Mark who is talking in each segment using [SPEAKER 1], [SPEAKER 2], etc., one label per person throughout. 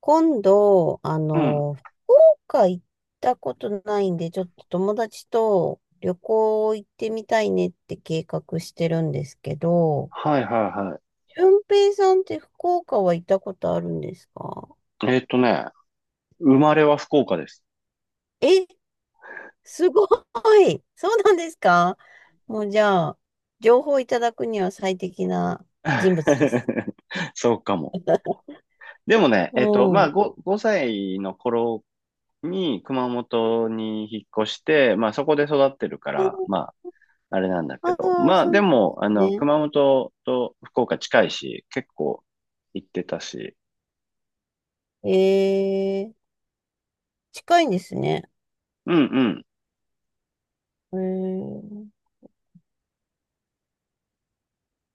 [SPEAKER 1] 今度、
[SPEAKER 2] うん。
[SPEAKER 1] 福岡行ったことないんで、ちょっと友達と旅行行ってみたいねって計画してるんですけど、
[SPEAKER 2] はいはいは
[SPEAKER 1] 俊平さんって福岡は行ったことあるんですか？
[SPEAKER 2] い。生まれは福岡です。
[SPEAKER 1] え、すごい。そうなんですか？もうじゃあ、情報いただくには最適な人物です。
[SPEAKER 2] そうかも。でもね、
[SPEAKER 1] う
[SPEAKER 2] まあ、
[SPEAKER 1] ん。
[SPEAKER 2] 5歳の頃に熊本に引っ越して、まあ、そこで育ってるから、まあ、あれなんだ
[SPEAKER 1] あ
[SPEAKER 2] けど、
[SPEAKER 1] あー、
[SPEAKER 2] まあ、
[SPEAKER 1] そう
[SPEAKER 2] で
[SPEAKER 1] なんで
[SPEAKER 2] も、
[SPEAKER 1] すね。
[SPEAKER 2] 熊本と福岡近いし、結構行ってたし、
[SPEAKER 1] えー、近いんですね。
[SPEAKER 2] うん
[SPEAKER 1] えー、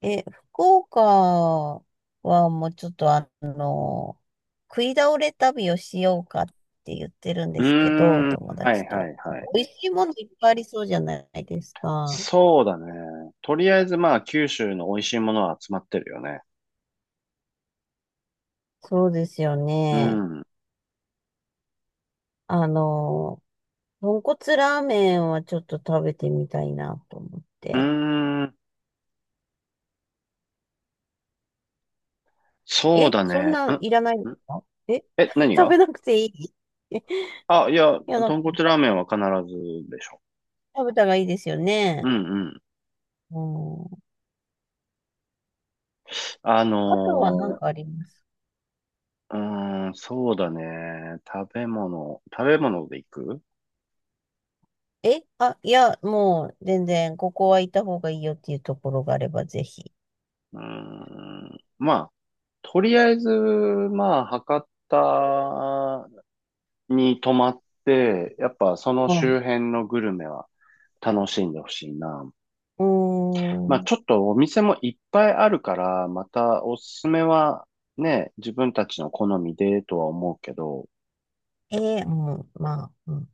[SPEAKER 1] え、福岡はもうちょっと食い倒れ旅をしようかって言ってるん
[SPEAKER 2] う
[SPEAKER 1] で
[SPEAKER 2] ん。
[SPEAKER 1] すけど、
[SPEAKER 2] うーん、
[SPEAKER 1] 友
[SPEAKER 2] はい
[SPEAKER 1] 達
[SPEAKER 2] は
[SPEAKER 1] と。
[SPEAKER 2] いはい。
[SPEAKER 1] 美味しいものいっぱいありそうじゃないですか。
[SPEAKER 2] そうだね。とりあえず、まあ、九州の美味しいものは集まってるよね。
[SPEAKER 1] そうですよ
[SPEAKER 2] う
[SPEAKER 1] ね。
[SPEAKER 2] ん。う
[SPEAKER 1] あの、豚骨ラーメンはちょっと食べてみたいなと思っ
[SPEAKER 2] ー
[SPEAKER 1] て。
[SPEAKER 2] ん。そう
[SPEAKER 1] え、
[SPEAKER 2] だ
[SPEAKER 1] そん
[SPEAKER 2] ね。
[SPEAKER 1] なんいらないん
[SPEAKER 2] ん
[SPEAKER 1] です
[SPEAKER 2] ん
[SPEAKER 1] か？え、
[SPEAKER 2] え、何
[SPEAKER 1] 食
[SPEAKER 2] が？
[SPEAKER 1] べなくていい。 い
[SPEAKER 2] あ、いや、
[SPEAKER 1] や、なんか
[SPEAKER 2] 豚骨ラーメンは必ずでしょ。
[SPEAKER 1] 食べたらいいですよ
[SPEAKER 2] う
[SPEAKER 1] ね。
[SPEAKER 2] んうん。
[SPEAKER 1] うん。
[SPEAKER 2] あ
[SPEAKER 1] あとは何
[SPEAKER 2] の
[SPEAKER 1] かあります？
[SPEAKER 2] うーん、そうだね。食べ物で行く？
[SPEAKER 1] え、あ、いや、もう、全然、ここは行った方がいいよっていうところがあれば、ぜひ。
[SPEAKER 2] うーん。まあ、とりあえず、まあ、博多に泊まって、やっぱその
[SPEAKER 1] はい。
[SPEAKER 2] 周辺のグルメは楽しんでほしいな。
[SPEAKER 1] う
[SPEAKER 2] まあ
[SPEAKER 1] ーん。
[SPEAKER 2] ちょっとお店もいっぱいあるから、またおすすめはね、自分たちの好みでとは思うけど、
[SPEAKER 1] えー、うん、まあ、うん。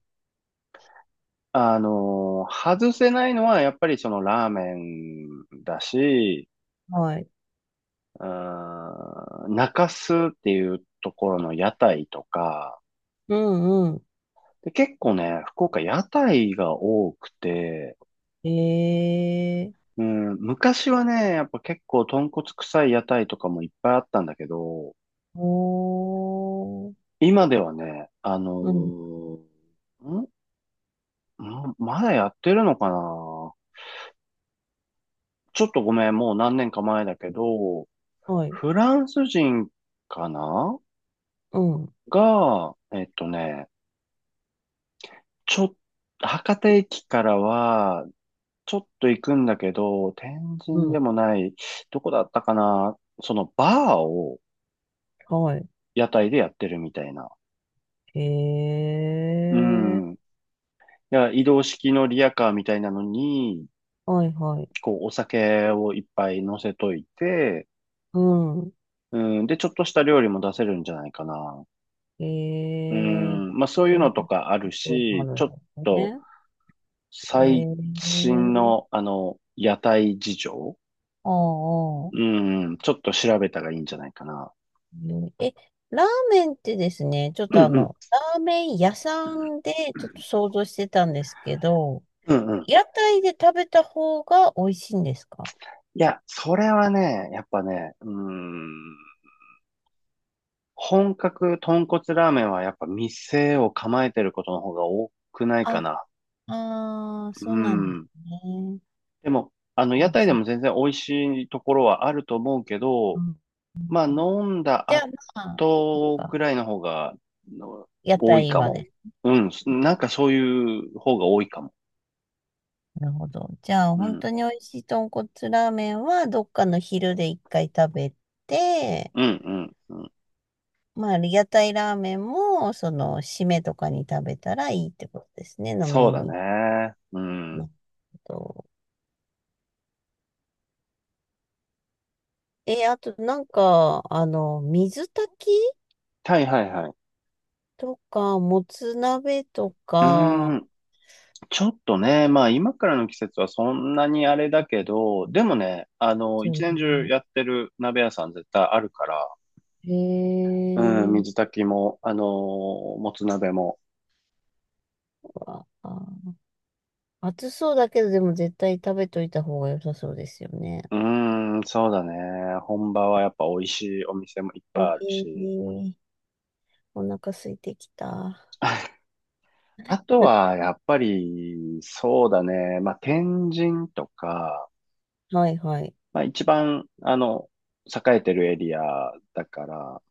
[SPEAKER 2] 外せないのはやっぱりそのラーメンだし、
[SPEAKER 1] はい。
[SPEAKER 2] うーん、中洲っていうところの屋台とか、
[SPEAKER 1] うんう
[SPEAKER 2] で、結構ね、福岡屋台が多くて、
[SPEAKER 1] ん。ええ、
[SPEAKER 2] うん、昔はね、やっぱ結構豚骨臭い屋台とかもいっぱいあったんだけど、
[SPEAKER 1] おー。
[SPEAKER 2] 今ではね、
[SPEAKER 1] うん。
[SPEAKER 2] ま、まだやってるのかな？ちょっとごめん、もう何年か前だけど、
[SPEAKER 1] はい。
[SPEAKER 2] フランス人かな
[SPEAKER 1] うん。
[SPEAKER 2] が、ちょ、博多駅からは、ちょっと行くんだけど、天
[SPEAKER 1] う
[SPEAKER 2] 神
[SPEAKER 1] ん。
[SPEAKER 2] でもない、どこだったかな？そのバーを
[SPEAKER 1] はい。
[SPEAKER 2] 屋台でやってるみたいな。
[SPEAKER 1] え
[SPEAKER 2] う
[SPEAKER 1] え、
[SPEAKER 2] ん。いや、移動式のリヤカーみたいなのに、
[SPEAKER 1] はいはい。
[SPEAKER 2] こう、お酒をいっぱい乗せといて、
[SPEAKER 1] うん。
[SPEAKER 2] うん、で、ちょっとした料理も出せるんじゃないかな。
[SPEAKER 1] え
[SPEAKER 2] う
[SPEAKER 1] え、
[SPEAKER 2] ん、まあそうい
[SPEAKER 1] そ
[SPEAKER 2] う
[SPEAKER 1] うい
[SPEAKER 2] の
[SPEAKER 1] う
[SPEAKER 2] とかある
[SPEAKER 1] ところもあ
[SPEAKER 2] し、
[SPEAKER 1] る
[SPEAKER 2] ち
[SPEAKER 1] ん
[SPEAKER 2] ょっ
[SPEAKER 1] です
[SPEAKER 2] と
[SPEAKER 1] ね。え
[SPEAKER 2] 最新の
[SPEAKER 1] え、
[SPEAKER 2] 屋台事情
[SPEAKER 1] ああ。ああ、
[SPEAKER 2] うん、ちょっと調べたらいいんじゃないかな。
[SPEAKER 1] ねえ、ラーメンってですね、ちょっ
[SPEAKER 2] う
[SPEAKER 1] と
[SPEAKER 2] んうん。
[SPEAKER 1] ラーメン屋さんでちょっと想像してたんですけど、
[SPEAKER 2] うんうん。
[SPEAKER 1] 屋台で食べた方が美味しいんですか？
[SPEAKER 2] いや、それはね、やっぱね、うーん、本格豚骨ラーメンはやっぱ店を構えてることの方が多くないか
[SPEAKER 1] あ、
[SPEAKER 2] な。
[SPEAKER 1] あー、
[SPEAKER 2] う
[SPEAKER 1] そうなんです
[SPEAKER 2] ん。
[SPEAKER 1] ね。
[SPEAKER 2] でも、屋
[SPEAKER 1] うん、
[SPEAKER 2] 台で
[SPEAKER 1] そっ
[SPEAKER 2] も全然美味しいところはあると思うけど、
[SPEAKER 1] か。
[SPEAKER 2] まあ、飲んだ
[SPEAKER 1] じゃあ、
[SPEAKER 2] 後
[SPEAKER 1] ま
[SPEAKER 2] ぐ
[SPEAKER 1] あ、
[SPEAKER 2] らいの方がの
[SPEAKER 1] 屋
[SPEAKER 2] 多い
[SPEAKER 1] 台
[SPEAKER 2] か
[SPEAKER 1] は
[SPEAKER 2] も。
[SPEAKER 1] です。
[SPEAKER 2] うん。なんかそういう方が多いかも。
[SPEAKER 1] なるほど。じゃあ、
[SPEAKER 2] う
[SPEAKER 1] 本
[SPEAKER 2] ん。
[SPEAKER 1] 当に美味しい豚骨ラーメンは、どっかの昼で一回食べて、
[SPEAKER 2] うん、うん、うん。
[SPEAKER 1] まあ、屋台ラーメンも、締めとかに食べたらいいってことですね、飲
[SPEAKER 2] そう
[SPEAKER 1] み
[SPEAKER 2] だ
[SPEAKER 1] に。
[SPEAKER 2] ね。うん。
[SPEAKER 1] なと、え、あとなんか、水炊き
[SPEAKER 2] はいはいはい。
[SPEAKER 1] とか、もつ鍋と
[SPEAKER 2] うー
[SPEAKER 1] か、
[SPEAKER 2] ん。ちょっとね、まあ今からの季節はそんなにあれだけど、でもね、
[SPEAKER 1] ですよ
[SPEAKER 2] 一年中
[SPEAKER 1] ね。
[SPEAKER 2] やってる鍋屋さん絶対あるから、
[SPEAKER 1] へ
[SPEAKER 2] うん、
[SPEAKER 1] え、
[SPEAKER 2] 水炊きも、もつ鍋も。
[SPEAKER 1] わあ、暑そうだけど、でも絶対食べといた方が良さそうですよね。
[SPEAKER 2] うーん、そうだね。本場はやっぱ美味しいお店もいっぱいあるし。
[SPEAKER 1] ええ、お腹空いてきた。
[SPEAKER 2] あとは、やっぱり、そうだね。まあ、天神とか、
[SPEAKER 1] はいはい。
[SPEAKER 2] まあ、一番、栄えてるエリアだから、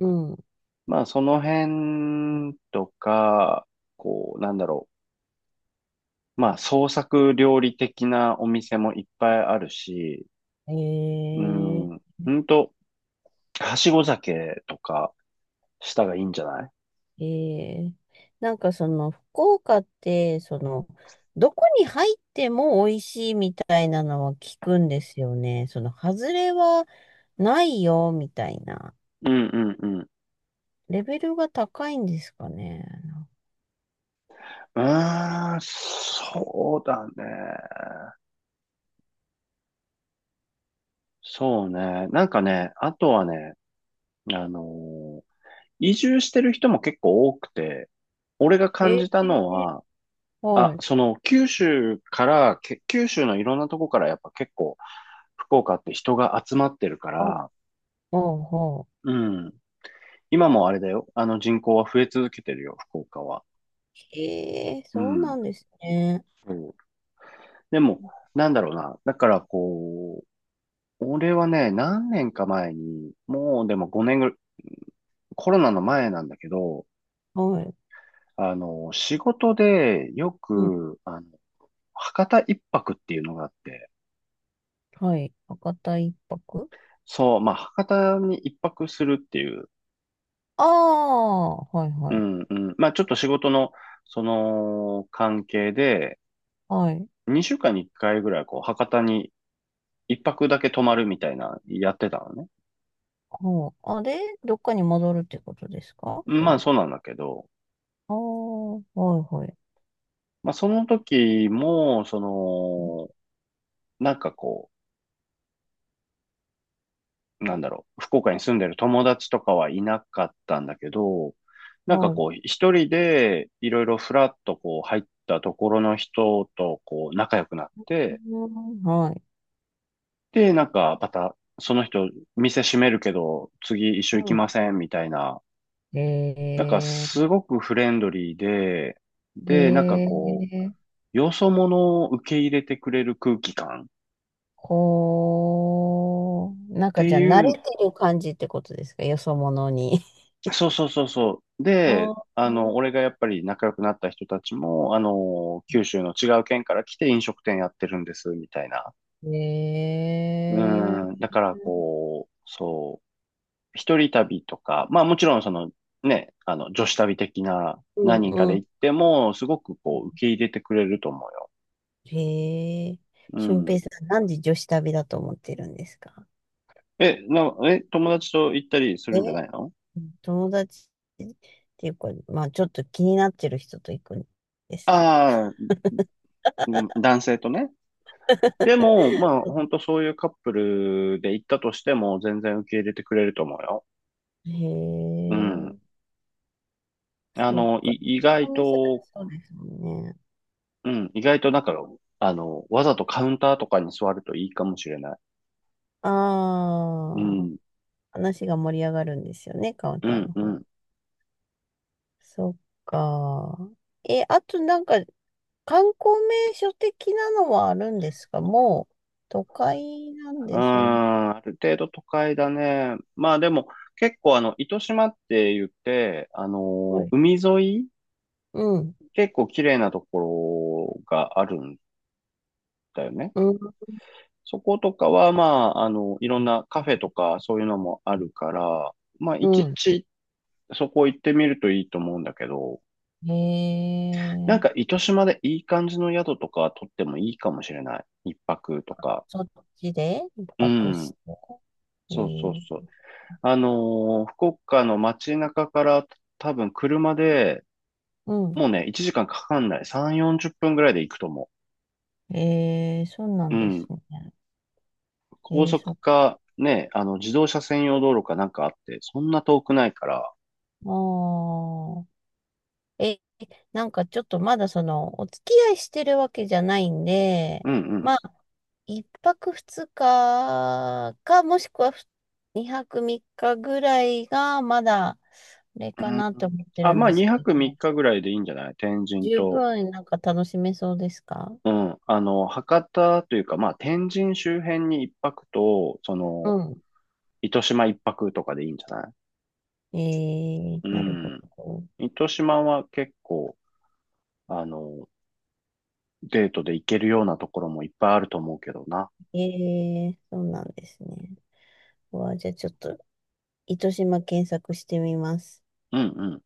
[SPEAKER 1] うん。
[SPEAKER 2] まあ、その辺とか、こう、なんだろう。まあ、創作料理的なお店もいっぱいあるし、う
[SPEAKER 1] ええ
[SPEAKER 2] ん、ほんと、はしご酒とかしたがいいんじゃない？
[SPEAKER 1] ええ、なんかその福岡って、どこに入っても美味しいみたいなのは聞くんですよね。外れはないよ、みたいな。
[SPEAKER 2] うんうんうん。
[SPEAKER 1] レベルが高いんですかね。
[SPEAKER 2] うーん、そうだね。そうね。なんかね、あとはね、あのー移住してる人も結構多くて、俺が感
[SPEAKER 1] ええ、
[SPEAKER 2] じたのは、
[SPEAKER 1] は
[SPEAKER 2] あ、
[SPEAKER 1] い。
[SPEAKER 2] その九州からけ、九州のいろんなとこからやっぱ結構福岡って人が集まってるか
[SPEAKER 1] あ、
[SPEAKER 2] ら、
[SPEAKER 1] ほうほう。
[SPEAKER 2] うん。今もあれだよ。あの人口は増え続けてるよ、福岡は。
[SPEAKER 1] ええ、
[SPEAKER 2] う
[SPEAKER 1] そうな
[SPEAKER 2] ん。
[SPEAKER 1] んですね。
[SPEAKER 2] そうでも、なんだろうな。だからこう、俺はね、何年か前に、もうでも5年ぐらい、コロナの前なんだけど、
[SPEAKER 1] はい。
[SPEAKER 2] 仕事でよ
[SPEAKER 1] うん、
[SPEAKER 2] く、博多一泊っていうのがあって、
[SPEAKER 1] はい。博多一泊、
[SPEAKER 2] そう、まあ、博多に一泊するっていう、
[SPEAKER 1] ああー、はいは
[SPEAKER 2] う
[SPEAKER 1] い。
[SPEAKER 2] んうん、まあ、ちょっと仕事の、その、関係で、
[SPEAKER 1] はい。
[SPEAKER 2] 2週間に1回ぐらい、こう、博多に一泊だけ泊まるみたいな、やってたのね。
[SPEAKER 1] ほう。あ、で、どっかに戻るってことですか、そ
[SPEAKER 2] まあ、
[SPEAKER 1] れ？
[SPEAKER 2] そうなんだけど、
[SPEAKER 1] ああ、はいはい。
[SPEAKER 2] まあ、その時も、その、なんかこう、なんだろう、福岡に住んでる友達とかはいなかったんだけど、なんか
[SPEAKER 1] はい。
[SPEAKER 2] こう、一人でいろいろフラッとこう入ったところの人とこう仲良くなって、
[SPEAKER 1] うん、はい。
[SPEAKER 2] で、なんかまたその人店閉めるけど次一緒
[SPEAKER 1] う
[SPEAKER 2] 行きま
[SPEAKER 1] ん。
[SPEAKER 2] せん？みたいな、なんかす
[SPEAKER 1] え
[SPEAKER 2] ごくフレンドリーで、
[SPEAKER 1] ー、
[SPEAKER 2] で、なんか
[SPEAKER 1] え
[SPEAKER 2] こ
[SPEAKER 1] ー、
[SPEAKER 2] う、よそ者を受け入れてくれる空気感っ
[SPEAKER 1] こう、なんか
[SPEAKER 2] て
[SPEAKER 1] じゃあ
[SPEAKER 2] い
[SPEAKER 1] 慣れ
[SPEAKER 2] う
[SPEAKER 1] てる感じってことですか、よそ者に？
[SPEAKER 2] そうそうそうそう。
[SPEAKER 1] あ
[SPEAKER 2] で、
[SPEAKER 1] あ、
[SPEAKER 2] 俺がやっぱり仲良くなった人たちも、九州の違う県から来て飲食店やってるんです、みたいな。う
[SPEAKER 1] え
[SPEAKER 2] ん、
[SPEAKER 1] ー、
[SPEAKER 2] だからこう、そう、一人旅とか、まあもちろんその、ね、女子旅的な
[SPEAKER 1] うん
[SPEAKER 2] 何人かで
[SPEAKER 1] うん。
[SPEAKER 2] 行っても、すごくこう、受け入れてくれると思うよ。
[SPEAKER 1] えー、
[SPEAKER 2] う
[SPEAKER 1] 俊平
[SPEAKER 2] ん。
[SPEAKER 1] さん、なんで女子旅だと思ってるんですか？
[SPEAKER 2] え、友達と行ったりするんじゃ
[SPEAKER 1] え、
[SPEAKER 2] ないの？
[SPEAKER 1] 友達っていうか、まあちょっと気になってる人と行くんですよ。
[SPEAKER 2] ああー、ごめん男性とね。でも、まあ、本当そういうカップルで行ったとしても、全然受け入れてくれると思うよ。
[SPEAKER 1] へ
[SPEAKER 2] うん。
[SPEAKER 1] え、そうか。
[SPEAKER 2] 意外
[SPEAKER 1] お店だと
[SPEAKER 2] と、
[SPEAKER 1] そうですもんね。
[SPEAKER 2] うん、意外となんか、わざとカウンターとかに座るといいかもしれない。
[SPEAKER 1] あ
[SPEAKER 2] う
[SPEAKER 1] あ、
[SPEAKER 2] ん、
[SPEAKER 1] 話が盛り上がるんですよね、カウン
[SPEAKER 2] う
[SPEAKER 1] ター
[SPEAKER 2] ん、
[SPEAKER 1] の
[SPEAKER 2] うん。
[SPEAKER 1] 方。
[SPEAKER 2] う
[SPEAKER 1] そっか。え、あとなんか、観光名所的なのはあるんですか？もう、都会なん
[SPEAKER 2] ん、
[SPEAKER 1] で、
[SPEAKER 2] ある程度都会だね。まあでも、結構あの、糸島って言って、あ
[SPEAKER 1] は
[SPEAKER 2] の、
[SPEAKER 1] い。
[SPEAKER 2] 海沿い、
[SPEAKER 1] うん、
[SPEAKER 2] 結構綺麗なところがあるんだよね。
[SPEAKER 1] うん、
[SPEAKER 2] そことかは、まあ、あの、いろんなカフェとかそういうのもあるから、まあ、一
[SPEAKER 1] う
[SPEAKER 2] 日そこ行ってみるといいと思うんだけど、
[SPEAKER 1] ん。へ
[SPEAKER 2] なん
[SPEAKER 1] え、
[SPEAKER 2] か糸島でいい感じの宿とか取ってもいいかもしれない。一泊とか。
[SPEAKER 1] そっちで一
[SPEAKER 2] う
[SPEAKER 1] 泊
[SPEAKER 2] ん。
[SPEAKER 1] して。へえ
[SPEAKER 2] そうそう
[SPEAKER 1] ー、
[SPEAKER 2] そう。福岡の街中から多分車で、
[SPEAKER 1] うん。
[SPEAKER 2] もうね、1時間かんかかんない。3、40分ぐらいで行くと思
[SPEAKER 1] ええ、そうな
[SPEAKER 2] う。
[SPEAKER 1] ん
[SPEAKER 2] う
[SPEAKER 1] です
[SPEAKER 2] ん。
[SPEAKER 1] ね。
[SPEAKER 2] 高
[SPEAKER 1] ええ、そっ
[SPEAKER 2] 速
[SPEAKER 1] か。
[SPEAKER 2] か、ね、あの、自動車専用道路かなんかあって、そんな遠くないから、
[SPEAKER 1] あー、え、なんかちょっとまだお付き合いしてるわけじゃないんで、
[SPEAKER 2] うんうん
[SPEAKER 1] まあ、一泊二日か、もしくは二泊三日ぐらいが、まだ、あれ
[SPEAKER 2] う
[SPEAKER 1] かなって
[SPEAKER 2] ん。
[SPEAKER 1] 思って
[SPEAKER 2] あ、
[SPEAKER 1] るん
[SPEAKER 2] まあ、
[SPEAKER 1] です
[SPEAKER 2] 2
[SPEAKER 1] け
[SPEAKER 2] 泊3
[SPEAKER 1] ど、
[SPEAKER 2] 日ぐらいでいいんじゃない？天神
[SPEAKER 1] 十
[SPEAKER 2] と。
[SPEAKER 1] 分なんか楽しめそうですか？
[SPEAKER 2] うん。博多というか、まあ、天神周辺に1泊と、そ
[SPEAKER 1] う
[SPEAKER 2] の、
[SPEAKER 1] ん。
[SPEAKER 2] 糸島1泊とかでいいんじゃない？
[SPEAKER 1] えー、
[SPEAKER 2] う
[SPEAKER 1] なるほ
[SPEAKER 2] ん。
[SPEAKER 1] ど。
[SPEAKER 2] 糸島は結構、あの、デートで行けるようなところもいっぱいあると思うけどな。
[SPEAKER 1] えー、そうなんですね。うわ、じゃあちょっと、糸島検索してみます。
[SPEAKER 2] うんうん